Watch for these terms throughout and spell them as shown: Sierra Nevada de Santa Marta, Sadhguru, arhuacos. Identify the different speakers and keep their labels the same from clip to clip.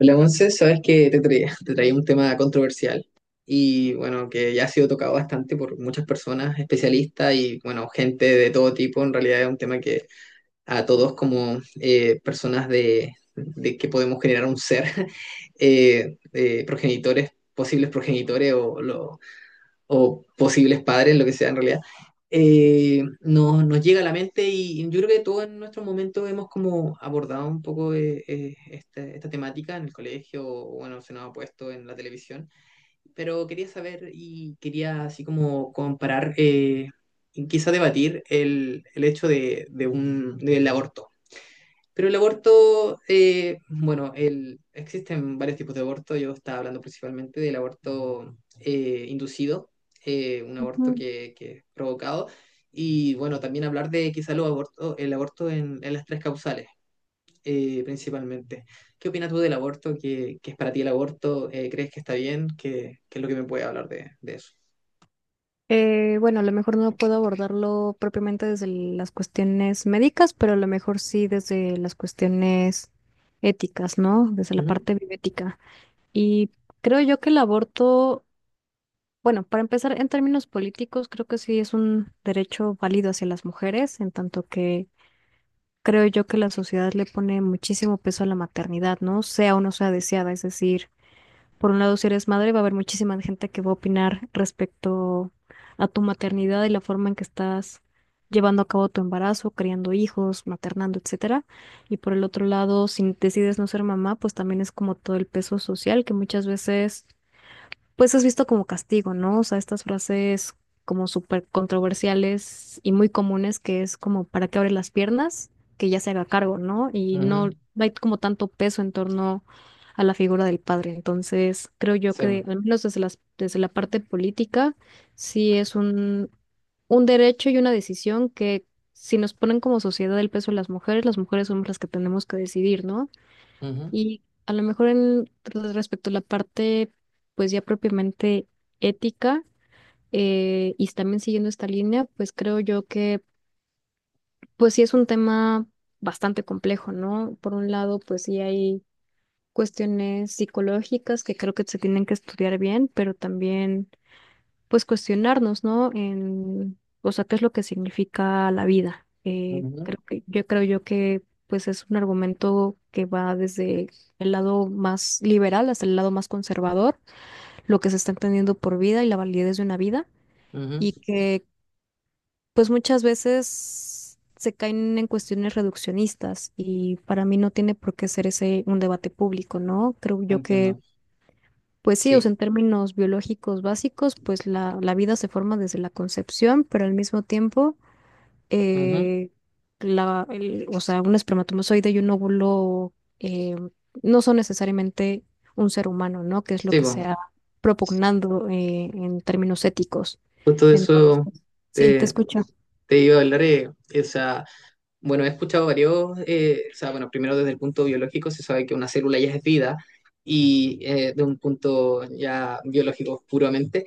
Speaker 1: Hola, once sabes que te traía un tema controversial y bueno, que ya ha sido tocado bastante por muchas personas, especialistas y bueno, gente de todo tipo. En realidad es un tema que a todos como personas de que podemos generar un ser, progenitores, posibles progenitores o posibles padres, lo que sea en realidad, nos llega a la mente y yo creo que todos en nuestro momento hemos como abordado un poco esta temática en el colegio, o, bueno, se nos ha puesto en la televisión, pero quería saber y quería así como comparar, y quizá debatir el hecho de un, del aborto, pero el aborto, bueno, existen varios tipos de aborto. Yo estaba hablando principalmente del aborto inducido, un aborto
Speaker 2: Ujú.
Speaker 1: que es provocado. Y bueno, también hablar de quizá el aborto en las tres causales, principalmente. ¿Qué opinas tú del aborto? ¿Qué es para ti el aborto? ¿Crees que está bien? ¿Qué es lo que me puede hablar de eso?
Speaker 2: Bueno, a lo mejor no puedo abordarlo propiamente desde las cuestiones médicas, pero a lo mejor sí desde las cuestiones éticas, ¿no? Desde la
Speaker 1: Ujú,
Speaker 2: parte bioética. Y creo yo que el aborto, bueno, para empezar, en términos políticos, creo que sí es un derecho válido hacia las mujeres, en tanto que creo yo que la sociedad le pone muchísimo peso a la maternidad, ¿no? Sea o no sea deseada, es decir. Por un lado, si eres madre, va a haber muchísima gente que va a opinar respecto a tu maternidad y la forma en que estás llevando a cabo tu embarazo, criando hijos, maternando, etcétera. Y por el otro lado, si decides no ser mamá, pues también es como todo el peso social que muchas veces pues es visto como castigo, ¿no? O sea, estas frases como súper controversiales y muy comunes que es como para que abre las piernas, que ya se haga cargo, ¿no? Y
Speaker 1: ujú,
Speaker 2: no hay como tanto peso en torno a la figura del padre. Entonces, creo yo
Speaker 1: sí,
Speaker 2: que al menos desde la parte política, sí es un derecho y una decisión que si nos ponen como sociedad el peso de las mujeres somos las que tenemos que decidir, ¿no?
Speaker 1: ujú,
Speaker 2: Y a lo mejor en respecto a la parte, pues ya propiamente ética, y también siguiendo esta línea, pues creo yo que, pues sí es un tema bastante complejo, ¿no? Por un lado, pues sí hay cuestiones psicológicas que creo que se tienen que estudiar bien, pero también pues cuestionarnos, ¿no? O sea, qué es lo que significa la vida. Eh,
Speaker 1: ujú,
Speaker 2: creo que, yo creo yo que pues es un argumento que va desde el lado más liberal hasta el lado más conservador, lo que se está entendiendo por vida y la validez de una vida,
Speaker 1: ujú.
Speaker 2: y que pues muchas veces se caen en cuestiones reduccionistas y para mí no tiene por qué ser ese un debate público, ¿no? Creo yo que
Speaker 1: Entiendo.
Speaker 2: pues sí, o sea,
Speaker 1: Sí.
Speaker 2: en términos biológicos básicos, pues la vida se forma desde la concepción, pero al mismo tiempo,
Speaker 1: Ujú.
Speaker 2: eh, o sea, un espermatozoide y un óvulo no son necesariamente un ser humano, ¿no? Que es lo
Speaker 1: Sí,
Speaker 2: que se ha
Speaker 1: po.
Speaker 2: propugnando en términos éticos.
Speaker 1: Justo de
Speaker 2: Entonces,
Speaker 1: eso
Speaker 2: sí, te
Speaker 1: te,
Speaker 2: escucho.
Speaker 1: te iba a hablar. Bueno, he escuchado varios, o sea, bueno, primero desde el punto biológico se sabe que una célula ya es vida y de un punto ya biológico puramente.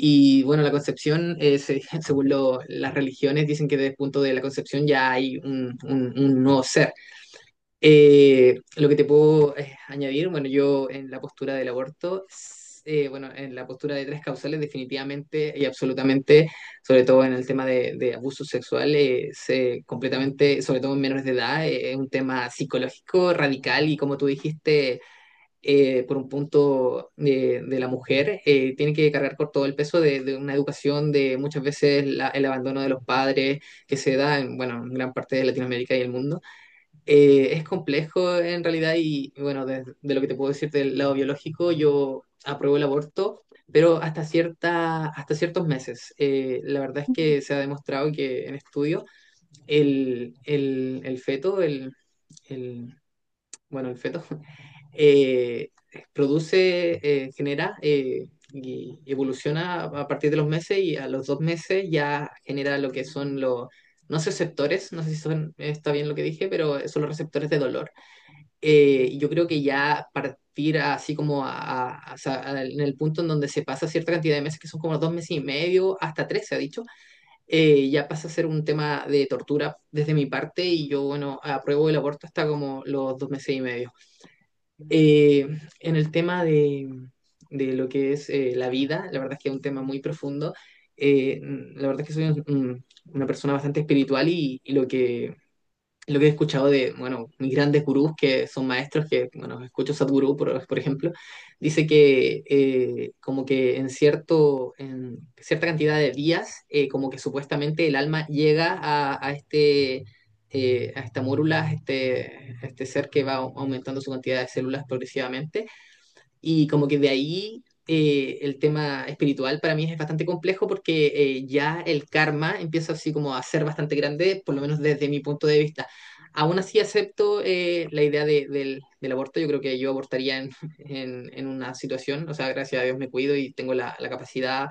Speaker 1: Y bueno, la concepción, según las religiones, dicen que desde el punto de la concepción ya hay un nuevo ser. Lo que te puedo añadir, bueno, yo en la postura del aborto, bueno, en la postura de tres causales, definitivamente y absolutamente, sobre todo en el tema de abuso sexual, se completamente, sobre todo en menores de edad, es un tema psicológico, radical y como tú dijiste, por un punto de la mujer, tiene que cargar con todo el peso de una educación, de muchas veces el abandono de los padres que se da en, bueno, en gran parte de Latinoamérica y el mundo. Es complejo en realidad y bueno, de lo que te puedo decir del lado biológico, yo apruebo el aborto, pero hasta cierta, hasta ciertos meses. La verdad es que se ha demostrado que en estudio el feto, el- bueno, el feto, eh, produce, genera y evoluciona a partir de los meses y a los 2 meses ya genera lo que son los, no sé, receptores, no sé si son, está bien lo que dije, pero son los receptores de dolor. Yo creo que ya partir así como en el punto en donde se pasa cierta cantidad de meses, que son como 2 meses y medio, hasta 3 se ha dicho, ya pasa a ser un tema de tortura desde mi parte y yo, bueno, apruebo el aborto hasta como los 2 meses y medio. Eh, en el tema de lo que es la vida, la verdad es que es un tema muy profundo. La verdad es que soy una persona bastante espiritual y lo que he escuchado de, bueno, mis grandes gurús que son maestros, que, bueno, escucho Sadhguru, por ejemplo, dice que como que en cierta cantidad de días, como que supuestamente el alma llega a este, a esta mórula, a este ser que va aumentando su cantidad de células progresivamente, y como que de ahí el tema espiritual para mí es bastante complejo porque ya el karma empieza así como a ser bastante grande, por lo menos desde mi punto de vista. Aún así acepto la idea del aborto. Yo creo que yo abortaría en, en una situación. O sea, gracias a Dios me cuido y tengo la capacidad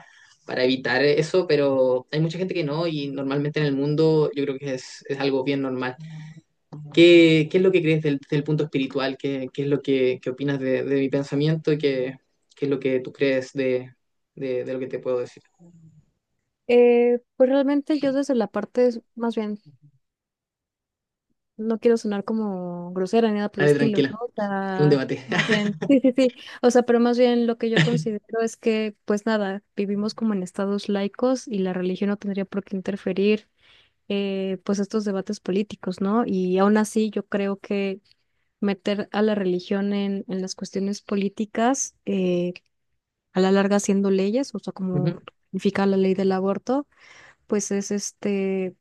Speaker 1: para evitar eso, pero hay mucha gente que no y normalmente en el mundo yo creo que es algo bien normal. ¿Qué es lo que crees del punto espiritual? ¿Qué, qué es lo que, qué opinas de mi pensamiento? Y ¿Qué es lo que tú crees de lo que te puedo decir?
Speaker 2: Pues realmente yo desde la parte, más bien no quiero sonar como grosera ni nada por el
Speaker 1: Dale,
Speaker 2: estilo,
Speaker 1: tranquila,
Speaker 2: ¿no? O
Speaker 1: es un
Speaker 2: sea,
Speaker 1: debate.
Speaker 2: más bien, sí, sí, sí. O sea, pero más bien lo que yo considero es que, pues nada, vivimos como en estados laicos y la religión no tendría por qué interferir, pues estos debates políticos, ¿no? Y aún así, yo creo que meter a la religión en las cuestiones políticas, a la larga haciendo leyes, o sea, como
Speaker 1: Ujú.
Speaker 2: significa la ley del aborto, pues es este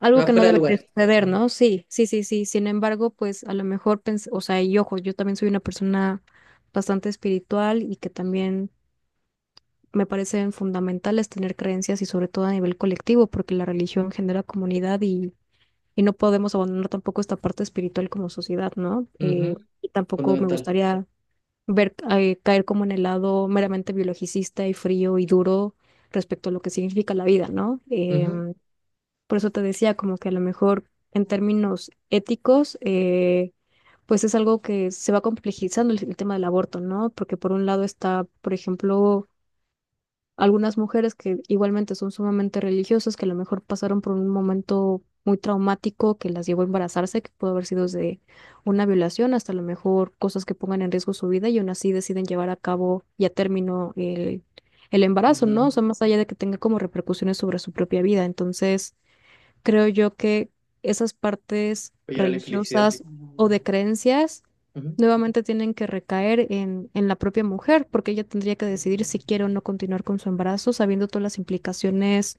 Speaker 2: algo
Speaker 1: Te
Speaker 2: que no
Speaker 1: fuera de
Speaker 2: debería
Speaker 1: lugar.
Speaker 2: suceder, ¿no? Sí, sí, sí, sí. Sin embargo, pues a lo mejor pensé, o sea, y ojo, yo también soy una persona bastante espiritual y que también me parecen fundamentales tener creencias y sobre todo a nivel colectivo, porque la religión genera comunidad y no podemos abandonar tampoco esta parte espiritual como sociedad, ¿no?
Speaker 1: Ujú.
Speaker 2: Y tampoco me
Speaker 1: Fundamental.
Speaker 2: gustaría ver caer como en el lado meramente biologicista y frío y duro respecto a lo que significa la vida, ¿no?
Speaker 1: Ujú.
Speaker 2: Por eso te decía, como que a lo mejor en términos éticos, pues es algo que se va complejizando el tema del aborto, ¿no? Porque por un lado está, por ejemplo, algunas mujeres que igualmente son sumamente religiosas, que a lo mejor pasaron por un momento muy traumático que las llevó a embarazarse, que pudo haber sido desde una violación hasta a lo mejor cosas que pongan en riesgo su vida y aún así deciden llevar a cabo y a término el embarazo, ¿no? O
Speaker 1: Ujú.
Speaker 2: sea, más allá de que tenga como repercusiones sobre su propia vida. Entonces creo yo que esas partes
Speaker 1: Apoyar a la infelicidad.
Speaker 2: religiosas o de creencias
Speaker 1: Ujú.
Speaker 2: nuevamente tienen que recaer en la propia mujer, porque ella tendría que decidir si quiere o no continuar con su embarazo, sabiendo todas las implicaciones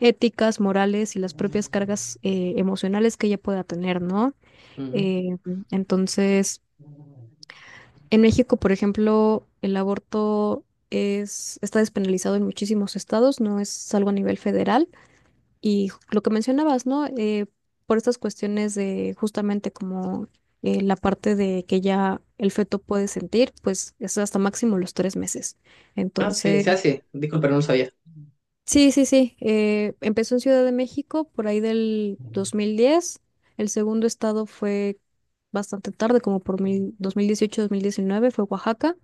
Speaker 2: éticas, morales y las propias cargas emocionales que ella pueda tener, ¿no?
Speaker 1: Ujú.
Speaker 2: Eh, entonces, en México, por ejemplo, el aborto está despenalizado en muchísimos estados, no es algo a nivel federal. Y lo que mencionabas, ¿no? Por estas cuestiones de justamente como la parte de que ya el feto puede sentir, pues es hasta máximo los 3 meses.
Speaker 1: Ah, sí,
Speaker 2: Entonces,
Speaker 1: se hace. Disculpa, no lo sabía.
Speaker 2: sí, sí, sí. Empezó en Ciudad de México por ahí del 2010. El segundo estado fue bastante tarde, como por mil dos dieciocho mil diecinueve fue Oaxaca.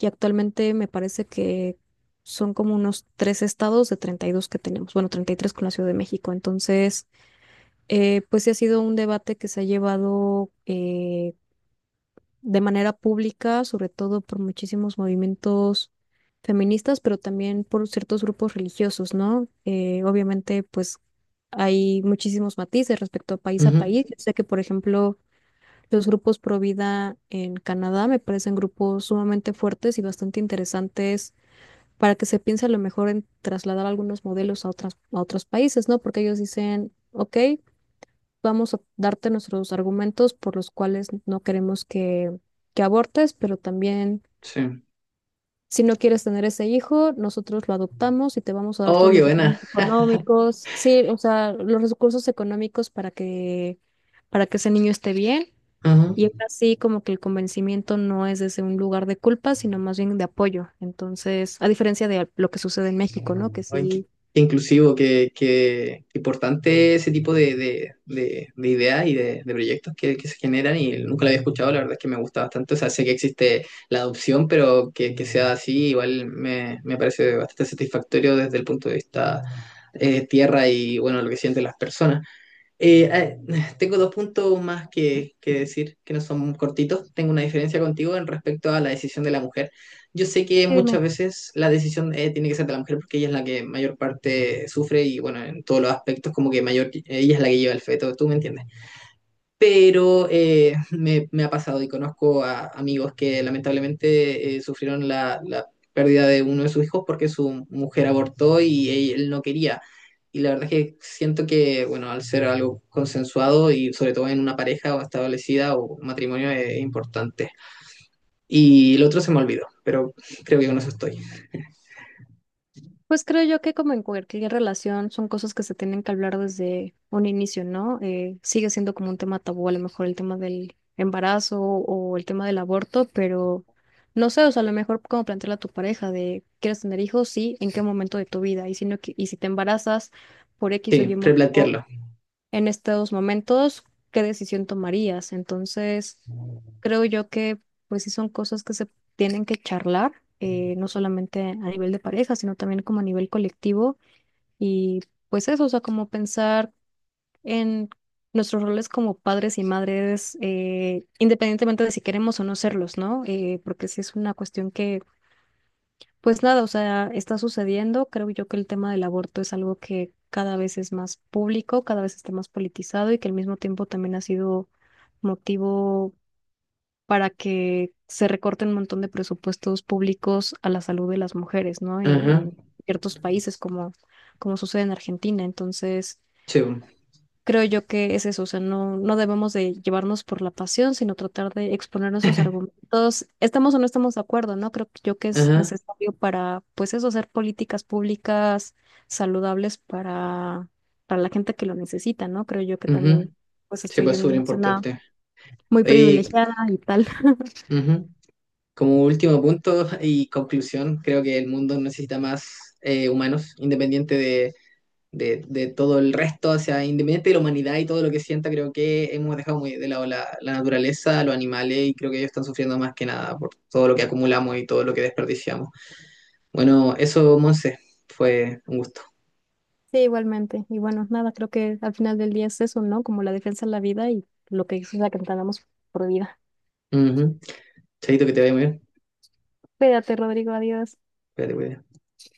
Speaker 2: Y actualmente me parece que son como unos tres estados de 32 que tenemos. Bueno, 33 con la Ciudad de México. Entonces. Pues sí ha sido un debate que se ha llevado de manera pública, sobre todo por muchísimos movimientos feministas, pero también por ciertos grupos religiosos, ¿no? Obviamente, pues hay muchísimos matices respecto a país a
Speaker 1: Ujú.
Speaker 2: país. Yo sé que, por ejemplo, los grupos pro vida en Canadá me parecen grupos sumamente fuertes y bastante interesantes para que se piense a lo mejor en trasladar algunos modelos a a otros países, ¿no? Porque ellos dicen, OK, vamos a darte nuestros argumentos por los cuales no queremos que abortes, pero también
Speaker 1: Sí.
Speaker 2: si no quieres tener ese hijo, nosotros lo adoptamos y te vamos a dar
Speaker 1: Oh,
Speaker 2: todos
Speaker 1: qué
Speaker 2: los
Speaker 1: buena.
Speaker 2: recursos económicos, sí, o sea, los recursos económicos para que ese niño esté bien. Y es
Speaker 1: Ujú.
Speaker 2: así como que el convencimiento no es desde un lugar de culpa, sino más bien de apoyo. Entonces, a diferencia de lo que sucede en México, ¿no? Que
Speaker 1: Ay,
Speaker 2: sí.
Speaker 1: qué inclusivo, qué importante ese tipo de, de ideas y de proyectos que se generan y nunca lo había escuchado, la verdad es que me gusta bastante, o sea, sé que existe la adopción, pero que sea así igual me parece bastante satisfactorio desde el punto de vista tierra y bueno, lo que sienten las personas. Eh, tengo dos puntos más que decir, que no son cortitos. Tengo una diferencia contigo en respecto a la decisión de la mujer. Yo sé que
Speaker 2: Sí,
Speaker 1: muchas
Speaker 2: dime.
Speaker 1: veces la decisión tiene que ser de la mujer porque ella es la que mayor parte sufre y bueno, en todos los aspectos como que mayor, ella es la que lleva el feto, ¿tú me entiendes? Pero me ha pasado y conozco a amigos que lamentablemente sufrieron la pérdida de uno de sus hijos porque su mujer abortó y él no quería. Y la verdad es que siento que, bueno, al ser algo consensuado y sobre todo en una pareja o establecida o matrimonio es importante. Y el otro se me olvidó, pero creo que con eso estoy.
Speaker 2: Pues creo yo que como en cualquier relación son cosas que se tienen que hablar desde un inicio, ¿no? Sigue siendo como un tema tabú, a lo mejor el tema del embarazo o el tema del aborto, pero no sé, o sea, a lo mejor como plantearle a tu pareja de, ¿quieres tener hijos? Sí, ¿en qué momento de tu vida? Y si no, y si te embarazas por X o Y
Speaker 1: Sí,
Speaker 2: motivo,
Speaker 1: replantearlo.
Speaker 2: en estos momentos, ¿qué decisión tomarías? Entonces, creo yo que pues sí son cosas que se tienen que charlar, no solamente a nivel de pareja, sino también como a nivel colectivo y pues eso, o sea, como pensar en nuestros roles como padres y madres, independientemente de si queremos o no serlos, ¿no? Porque sí es una cuestión que pues nada, o sea, está sucediendo. Creo yo que el tema del aborto es algo que cada vez es más público, cada vez está más politizado y que al mismo tiempo también ha sido motivo para que se recorten un montón de presupuestos públicos a la salud de las mujeres, ¿no? En,
Speaker 1: Ajá,
Speaker 2: en ciertos países como sucede en Argentina. Entonces,
Speaker 1: sí,
Speaker 2: creo yo que es eso, o sea, no debemos de llevarnos por la pasión, sino tratar de exponer nuestros argumentos. Estamos o no estamos de acuerdo, ¿no? Creo yo que es
Speaker 1: ajá,
Speaker 2: necesario para, pues eso, hacer políticas públicas saludables para la gente que lo necesita, ¿no? Creo yo que
Speaker 1: ujú.
Speaker 2: también, pues
Speaker 1: Sí,
Speaker 2: estoy
Speaker 1: pues
Speaker 2: en
Speaker 1: súper
Speaker 2: una zona
Speaker 1: importante.
Speaker 2: muy
Speaker 1: Y,
Speaker 2: privilegiada y tal.
Speaker 1: ujú. Como último punto y conclusión, creo que el mundo necesita más humanos, independiente de, de todo el resto, o sea, independiente de la humanidad y todo lo que sienta, creo que hemos dejado muy de lado la naturaleza, los animales, y creo que ellos están sufriendo más que nada por todo lo que acumulamos y todo lo que desperdiciamos. Bueno, eso, Monse, fue un gusto.
Speaker 2: Sí, igualmente. Y bueno, nada, creo que al final del día es eso, ¿no? Como la defensa de la vida y lo que es la que entendamos por vida.
Speaker 1: Ujú. Chaito, que te vaya muy bien.
Speaker 2: Cuídate, Rodrigo, adiós.
Speaker 1: Cuídate, cuídate.